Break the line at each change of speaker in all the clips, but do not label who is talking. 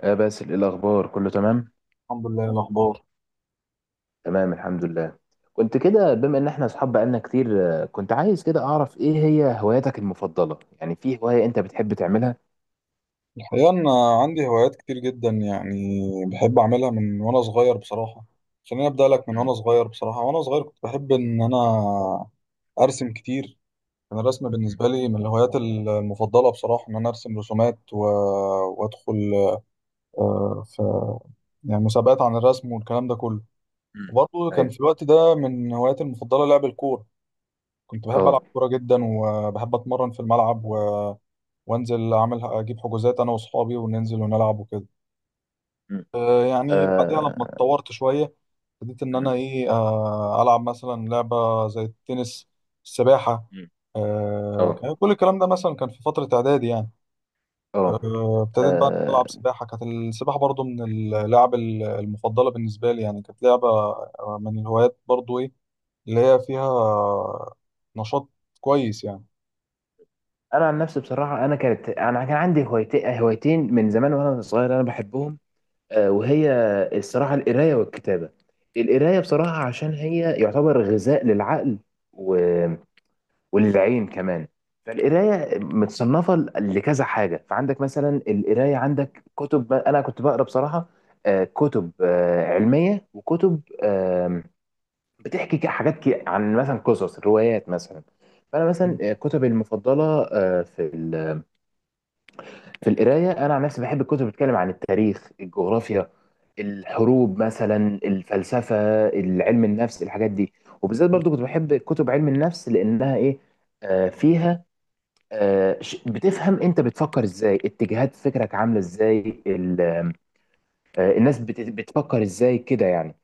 باسل، ايه الاخبار؟ كله تمام،
الحمد لله. إيه الأخبار؟
تمام، الحمد لله. كنت كده، بما ان احنا اصحاب بقالنا كتير، كنت عايز كده اعرف ايه هي هواياتك المفضله، يعني في هوايه انت بتحب تعملها؟
الحقيقة أنا عندي هوايات كتير جدا، بحب أعملها من وأنا صغير بصراحة. خليني أبدأ لك من
مم.
وأنا صغير بصراحة. وأنا صغير كنت بحب إن أنا أرسم كتير. كان الرسم
مم.
بالنسبة لي من الهوايات المفضلة بصراحة، إن أنا أرسم رسومات وأدخل في مسابقات عن الرسم والكلام ده كله.
مم.
وبرضه كان
ايوه.
في الوقت ده من هواياتي المفضلة لعب الكورة. كنت بحب ألعب
اه.
كورة جدا، وبحب أتمرن في الملعب، وأنزل أعمل أجيب حجوزات أنا وأصحابي وننزل ونلعب وكده.
مم.
يعني بعديها لما
اه.
اتطورت شوية ابتديت إن أنا
مم.
إيه آه، ألعب مثلا لعبة زي التنس، السباحة.
مم. اه.
كان كل الكلام ده مثلا كان في فترة إعدادي يعني.
اه.
ابتديت بقى
آه،
ألعب سباحة. كانت السباحة برضو من المفضلة بالنسبة لي، يعني كانت لعبة، من الهوايات برضو، إيه اللي هي فيها نشاط كويس يعني.
انا عن نفسي بصراحه، انا كان عندي هوايتين هوايتين من زمان وانا صغير، انا بحبهم. وهي الصراحه: القرايه والكتابه. القرايه بصراحه، عشان هي يعتبر غذاء للعقل والعين كمان. فالقرايه متصنفه لكذا حاجه. فعندك مثلا القرايه، عندك كتب انا كنت بقرا بصراحه كتب علميه، وكتب بتحكي حاجات عن مثلا قصص، روايات مثلا. فانا مثلا كتبي المفضله آه، في ال- في القرايه، انا عن نفسي بحب الكتب بتتكلم عن التاريخ، الجغرافيا، الحروب مثلا، الفلسفه، علم النفس، الحاجات دي. وبالذات برضو كنت بحب كتب علم النفس لانها ايه، فيها بتفهم انت بتفكر ازاي، اتجاهات فكرك عامله ازاي، الناس بتفكر ازاي كده يعني.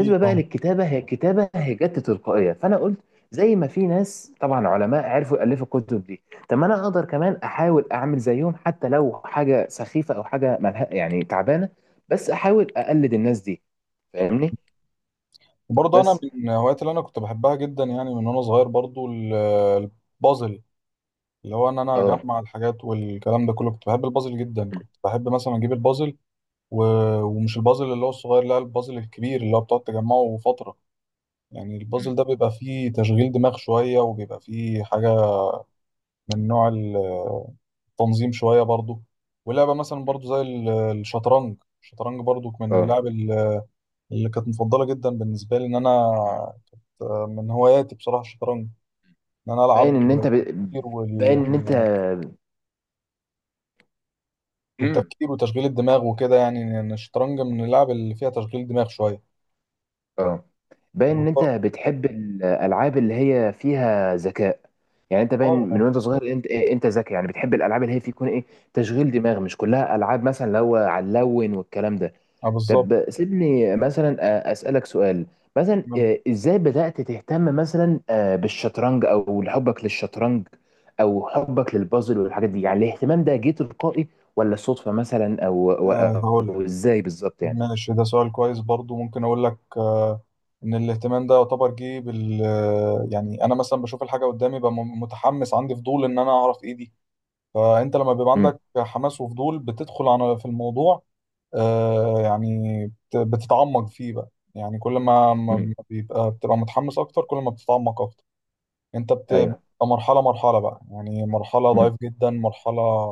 أكيد
بقى
أه.
للكتابه، الكتابه هي جت تلقائيه، فانا قلت: زي ما في ناس طبعا علماء عرفوا يالفوا الكتب دي، طب ما انا اقدر كمان احاول اعمل زيهم، حتى لو حاجه سخيفه او حاجه ملها يعني تعبانه، بس احاول اقلد الناس دي. فاهمني؟
وبرضه أنا
بس.
من الهوايات اللي أنا كنت بحبها جدا، يعني من وأنا صغير برضو، البازل. اللي هو ان انا
اه.
اجمع الحاجات والكلام ده كله. كنت بحب البازل جدا،
م-
كنت بحب مثلا اجيب البازل و... ومش البازل اللي هو الصغير، لا، البازل الكبير اللي هو بتقعد تجمعه فترة. يعني
م-
البازل ده بيبقى فيه تشغيل دماغ شوية، وبيبقى فيه حاجة من نوع التنظيم شوية برضو. ولعبة مثلا برضو زي الشطرنج. الشطرنج برضو من
اه.
اللي كانت مفضلة جدا بالنسبة لي، ان انا
م.
من هواياتي بصراحة الشطرنج. ان انا العب
باين ان انت ب... باين ان انت مم.
والتفكير وتشغيل الدماغ وكده، يعني ان الشطرنج من اللعب اللي فيها تشغيل دماغ شويه.
اه. باين ان انت
والط-
بتحب الالعاب اللي هي فيها ذكاء. يعني انت باين
اه
من
اه
وانت صغير، انت إيه، انت ذكي، يعني بتحب الالعاب اللي هي في يكون ايه تشغيل دماغ، مش كلها العاب مثلا اللي هو على اللون والكلام ده.
بالظبط.
طب سيبني مثلا اسالك سؤال. مثلا ازاي بدات تهتم مثلا بالشطرنج، او حبك للشطرنج او حبك للبازل والحاجات دي، يعني الاهتمام ده جه تلقائي ولا صدفه مثلا، او او
آه هقول لك،
أو ازاي بالظبط يعني؟
ماشي، ده سؤال كويس برضو. ممكن اقول لك آه ان الاهتمام ده يعتبر جه بال آه، يعني انا مثلا بشوف الحاجه قدامي، ببقى متحمس، عندي فضول ان انا اعرف ايه دي. فانت لما بيبقى
امم.
عندك حماس وفضول بتدخل على في الموضوع، آه يعني بتتعمق فيه بقى. يعني كل ما ما
امم.
ما بتبقى متحمس اكتر، كل ما بتتعمق اكتر انت بتبقى
ايوه.
مرحلة بقى. يعني مرحلة
امم.
ضعيف جدا، مرحلة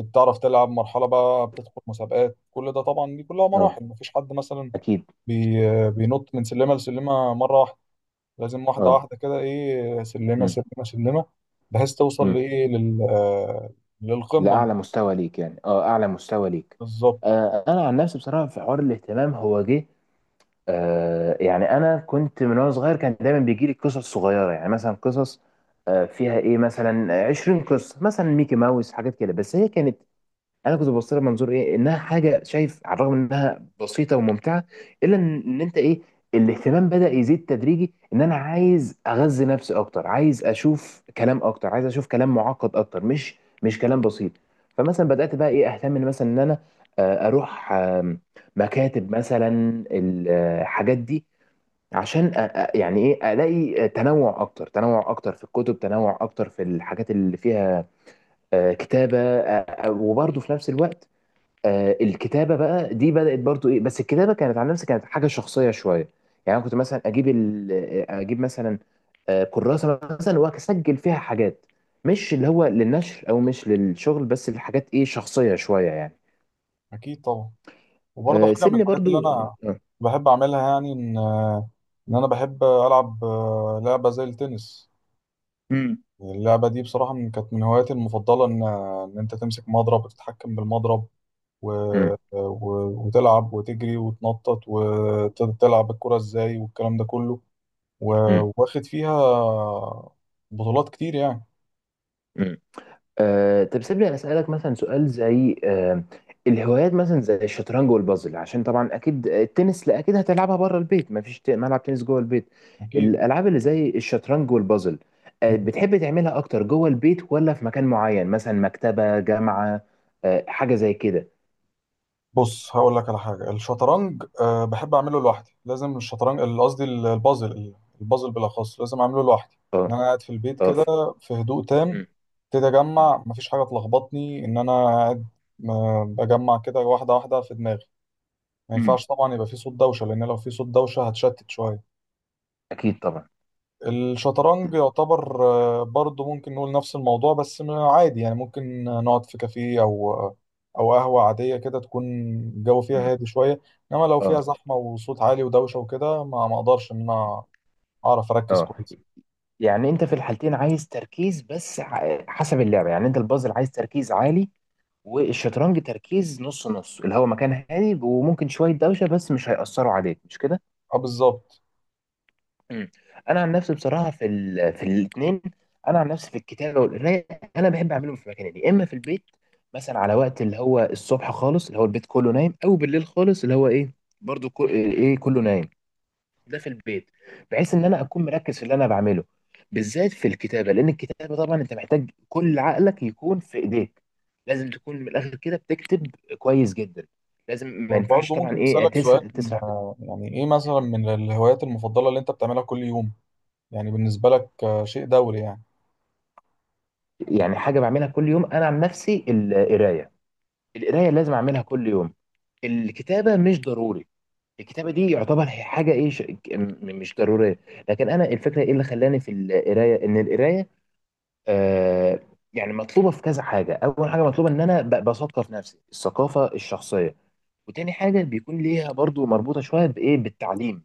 انت بتعرف تلعب، مرحلة بقى بتدخل مسابقات. كل ده طبعا دي كلها
اه.
مراحل. مفيش حد مثلا
اكيد.
بي بينط من سلمة لسلمة مرة واحدة. لازم واحدة
اه.
واحدة كده، ايه، سلمة
مم.
سلمة سلمة، بحيث توصل
مم.
لل للقمة
لاعلى مستوى ليك، يعني اه اعلى مستوى ليك.
بالظبط.
انا عن نفسي بصراحه، في حوار الاهتمام هو جه. يعني انا كنت من وانا صغير كان دايما بيجي لي قصص صغيره، يعني مثلا قصص فيها ايه، مثلا 20 قصه، مثلا ميكي ماوس، حاجات كده، بس هي كانت... انا كنت ببص لها منظور ايه، انها حاجه شايف على الرغم انها بسيطه وممتعه، الا إن انت ايه، الاهتمام بدأ يزيد تدريجي، ان انا عايز اغذي نفسي اكتر، عايز اشوف كلام اكتر، عايز اشوف كلام معقد اكتر، مش كلام بسيط. فمثلا بدأت بقى ايه اهتم ان مثلا ان انا اروح مكاتب مثلا، الحاجات دي، عشان يعني ايه الاقي تنوع اكتر، تنوع اكتر في الكتب، تنوع اكتر في الحاجات اللي فيها كتابة وبرضه في نفس الوقت الكتابه بقى دي بدات برضو ايه، بس الكتابه كانت على نفسي، كانت حاجه شخصيه شويه يعني. انا كنت مثلا اجيب مثلا كراسه مثلا، واسجل فيها حاجات مش اللي هو للنشر او مش للشغل، بس الحاجات ايه شخصيه شويه يعني.
أكيد طبعا. وبرضه حاجة من
سيبني
الحاجات اللي
برضو آه،
أنا
آه.
بحب أعملها، يعني إن أنا بحب ألعب لعبة زي التنس.
امم.
اللعبة دي بصراحة كانت من هواياتي المفضلة. إن أنت تمسك مضرب وتتحكم بالمضرب، و...
مم.
و... وتلعب وتجري وتنطط وتلعب الكرة إزاي والكلام ده كله. و...
مم.
واخد فيها بطولات كتير يعني.
مم. طب سيبني أنا اسالك مثلا سؤال زي الهوايات مثلا زي الشطرنج والبازل، عشان طبعا اكيد التنس، لا اكيد هتلعبها بره البيت، مفيش ملعب تنس جوه البيت.
أكيد.
الالعاب اللي زي الشطرنج والبازل بتحب تعملها اكتر جوه البيت، ولا في مكان معين مثلا مكتبة، جامعة، حاجة زي كده؟
بص هقول لك على حاجة، الشطرنج أه بحب أعمله لوحدي. لازم الشطرنج، البازل، البازل بالأخص لازم أعمله لوحدي.
اه.
إن أنا قاعد في البيت
اه.
كده في هدوء تام،
م-
ابتدي
م-
اجمع، مفيش حاجه تلخبطني ان انا قاعد بجمع كده واحده واحده في دماغي. ما
مم.
ينفعش طبعا يبقى في صوت دوشه، لان لو في صوت دوشه هتشتت شويه.
اكيد طبعا.
الشطرنج يعتبر برضه ممكن نقول نفس الموضوع، بس عادي. يعني ممكن نقعد في كافيه، او قهوه عاديه كده تكون الجو
مم.
فيها هادي شويه. انما لو فيها
اه.
زحمه وصوت عالي ودوشه وكده ما اقدرش ان انا اعرف اركز
اه.
كويس.
يعني انت في الحالتين عايز تركيز، بس حسب اللعبة، يعني انت البازل عايز تركيز عالي، والشطرنج تركيز نص نص، اللي هو مكان هادي وممكن شويه دوشه بس مش هيأثروا عليك، مش كده؟
اه بالظبط.
مم. انا عن نفسي بصراحه في الاثنين. انا عن نفسي في الكتابه والقرايه، انا بحب اعملهم في مكانين، يا اما في البيت مثلا على وقت اللي هو الصبح خالص، اللي هو البيت كله نايم، او بالليل خالص اللي هو ايه، برضو ايه إيه، كله نايم. ده في البيت، بحيث ان انا اكون مركز في اللي انا بعمله، بالذات في الكتابه، لان الكتابه طبعا انت محتاج كل عقلك يكون في ايديك، لازم تكون من الاخر كده بتكتب كويس جدا، لازم ما ينفعش
وبرضه
طبعا
ممكن
ايه
أسألك سؤال؟
تسرح بك.
يعني إيه مثلا من الهوايات المفضلة اللي أنت بتعملها كل يوم؟ يعني بالنسبة لك شيء دوري يعني.
يعني حاجه بعملها كل يوم؟ انا عن نفسي القرايه، القرايه لازم اعملها كل يوم. الكتابه مش ضروري، الكتابه دي يعتبر هي حاجه ايه مش ضروريه. لكن انا الفكره ايه اللي خلاني في القرايه، ان القرايه آه، يعني مطلوبه في كذا حاجه، اول حاجه مطلوبه ان انا بثقف نفسي الثقافه الشخصيه، وتاني حاجه بيكون ليها برضو مربوطه شويه بايه، بالتعليم،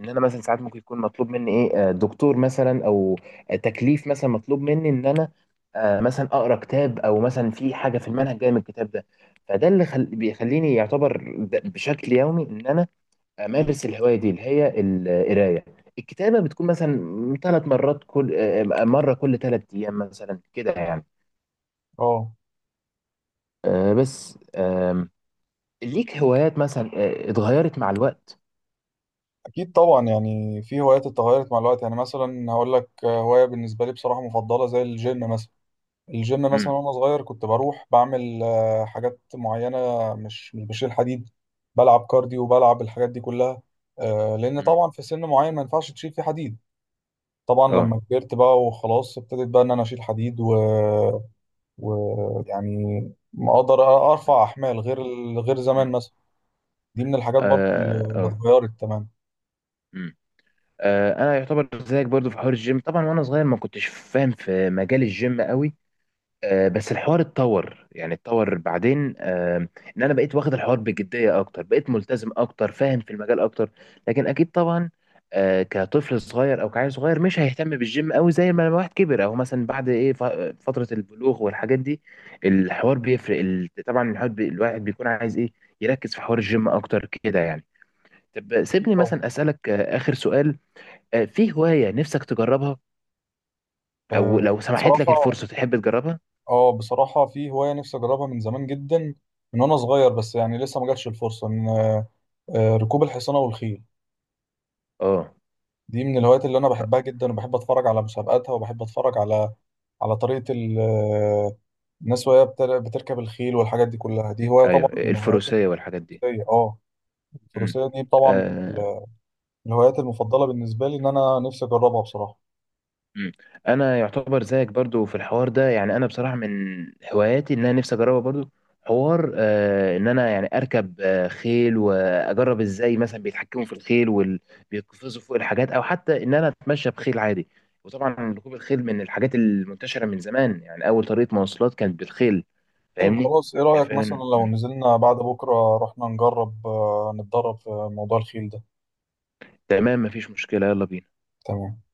ان انا مثلا ساعات ممكن يكون مطلوب مني ايه، دكتور مثلا او تكليف مثلا مطلوب مني ان انا مثلا اقرا كتاب، او مثلا في حاجه في المنهج جايه من الكتاب ده. فده اللي بيخليني يعتبر بشكل يومي ان انا امارس الهوايه دي اللي هي القرايه. الكتابه بتكون مثلا 3 مرات، كل مره كل 3 ايام مثلا كده يعني.
اه
بس ليك هوايات مثلا اتغيرت مع الوقت؟
أكيد طبعا، يعني في هوايات اتغيرت مع الوقت. يعني مثلا هقول لك، هواية بالنسبة لي بصراحة مفضلة زي الجيم مثلا. الجيم مثلا
امم.
وأنا صغير كنت بروح بعمل حاجات معينة، مش بشيل حديد، بلعب كارديو وبلعب الحاجات دي كلها. لأن
امم.
طبعا في سن معين ما ينفعش تشيل فيه حديد. طبعا
اه.
لما كبرت بقى وخلاص ابتديت بقى إن أنا أشيل حديد ويعني اقدر
مم.
ارفع احمال غير
مم.
زمان مثلا. دي من الحاجات برضو
اه.
اللي
اه.
اتغيرت تماما.
مم. انا يعتبر زيك برضو في حوار الجيم، طبعا وانا صغير ما كنتش فاهم في مجال الجيم قوي. بس الحوار اتطور، يعني اتطور بعدين ان انا بقيت واخد الحوار بجديه اكتر، بقيت ملتزم اكتر، فاهم في المجال اكتر. لكن اكيد طبعا كطفل صغير او كعيل صغير مش هيهتم بالجيم قوي زي ما الواحد كبر، او مثلا بعد ايه فتره البلوغ والحاجات دي، الحوار بيفرق طبعا الواحد بيكون عايز ايه يركز في حوار الجيم اكتر كده يعني. طب
أكيد
سيبني
طبعا.
مثلا اسالك اخر سؤال: في هوايه نفسك تجربها او
آه،
لو سمحت لك
بصراحة
الفرصه تحب تجربها؟
اه بصراحة في هواية نفسي اجربها من زمان جدا، من وانا صغير، بس يعني لسه ما جاتش الفرصة ان ركوب الحصانة والخيل.
اه.
دي من الهوايات اللي انا بحبها جدا، وبحب اتفرج على مسابقاتها، وبحب اتفرج على على طريقة الناس وهي بتركب الخيل والحاجات دي كلها. دي هواية
ايوه،
طبعا من هواياتي.
الفروسيه والحاجات دي.
الفروسية، اه،
امم.
الفروسية دي طبعا
آه
الهوايات المفضلة بالنسبة لي إن أنا نفسي أجربها بصراحة.
امم. انا يعتبر زيك برضو في الحوار ده، يعني انا بصراحه من هواياتي ان انا نفسي اجربها برضو. حوار ان انا يعني اركب خيل، واجرب ازاي مثلا بيتحكموا في الخيل وبيقفزوا فوق الحاجات، او حتى ان انا اتمشى بخيل عادي. وطبعا ركوب الخيل من الحاجات المنتشره من زمان، يعني اول طريقه مواصلات كانت بالخيل.
طيب
فاهمني؟
خلاص، إيه
هي
رأيك مثلا
فعلا.
لو
مم.
نزلنا بعد بكرة رحنا نجرب، نتدرب في موضوع الخيل ده؟
تمام، مفيش مشكله، يلا بينا.
تمام.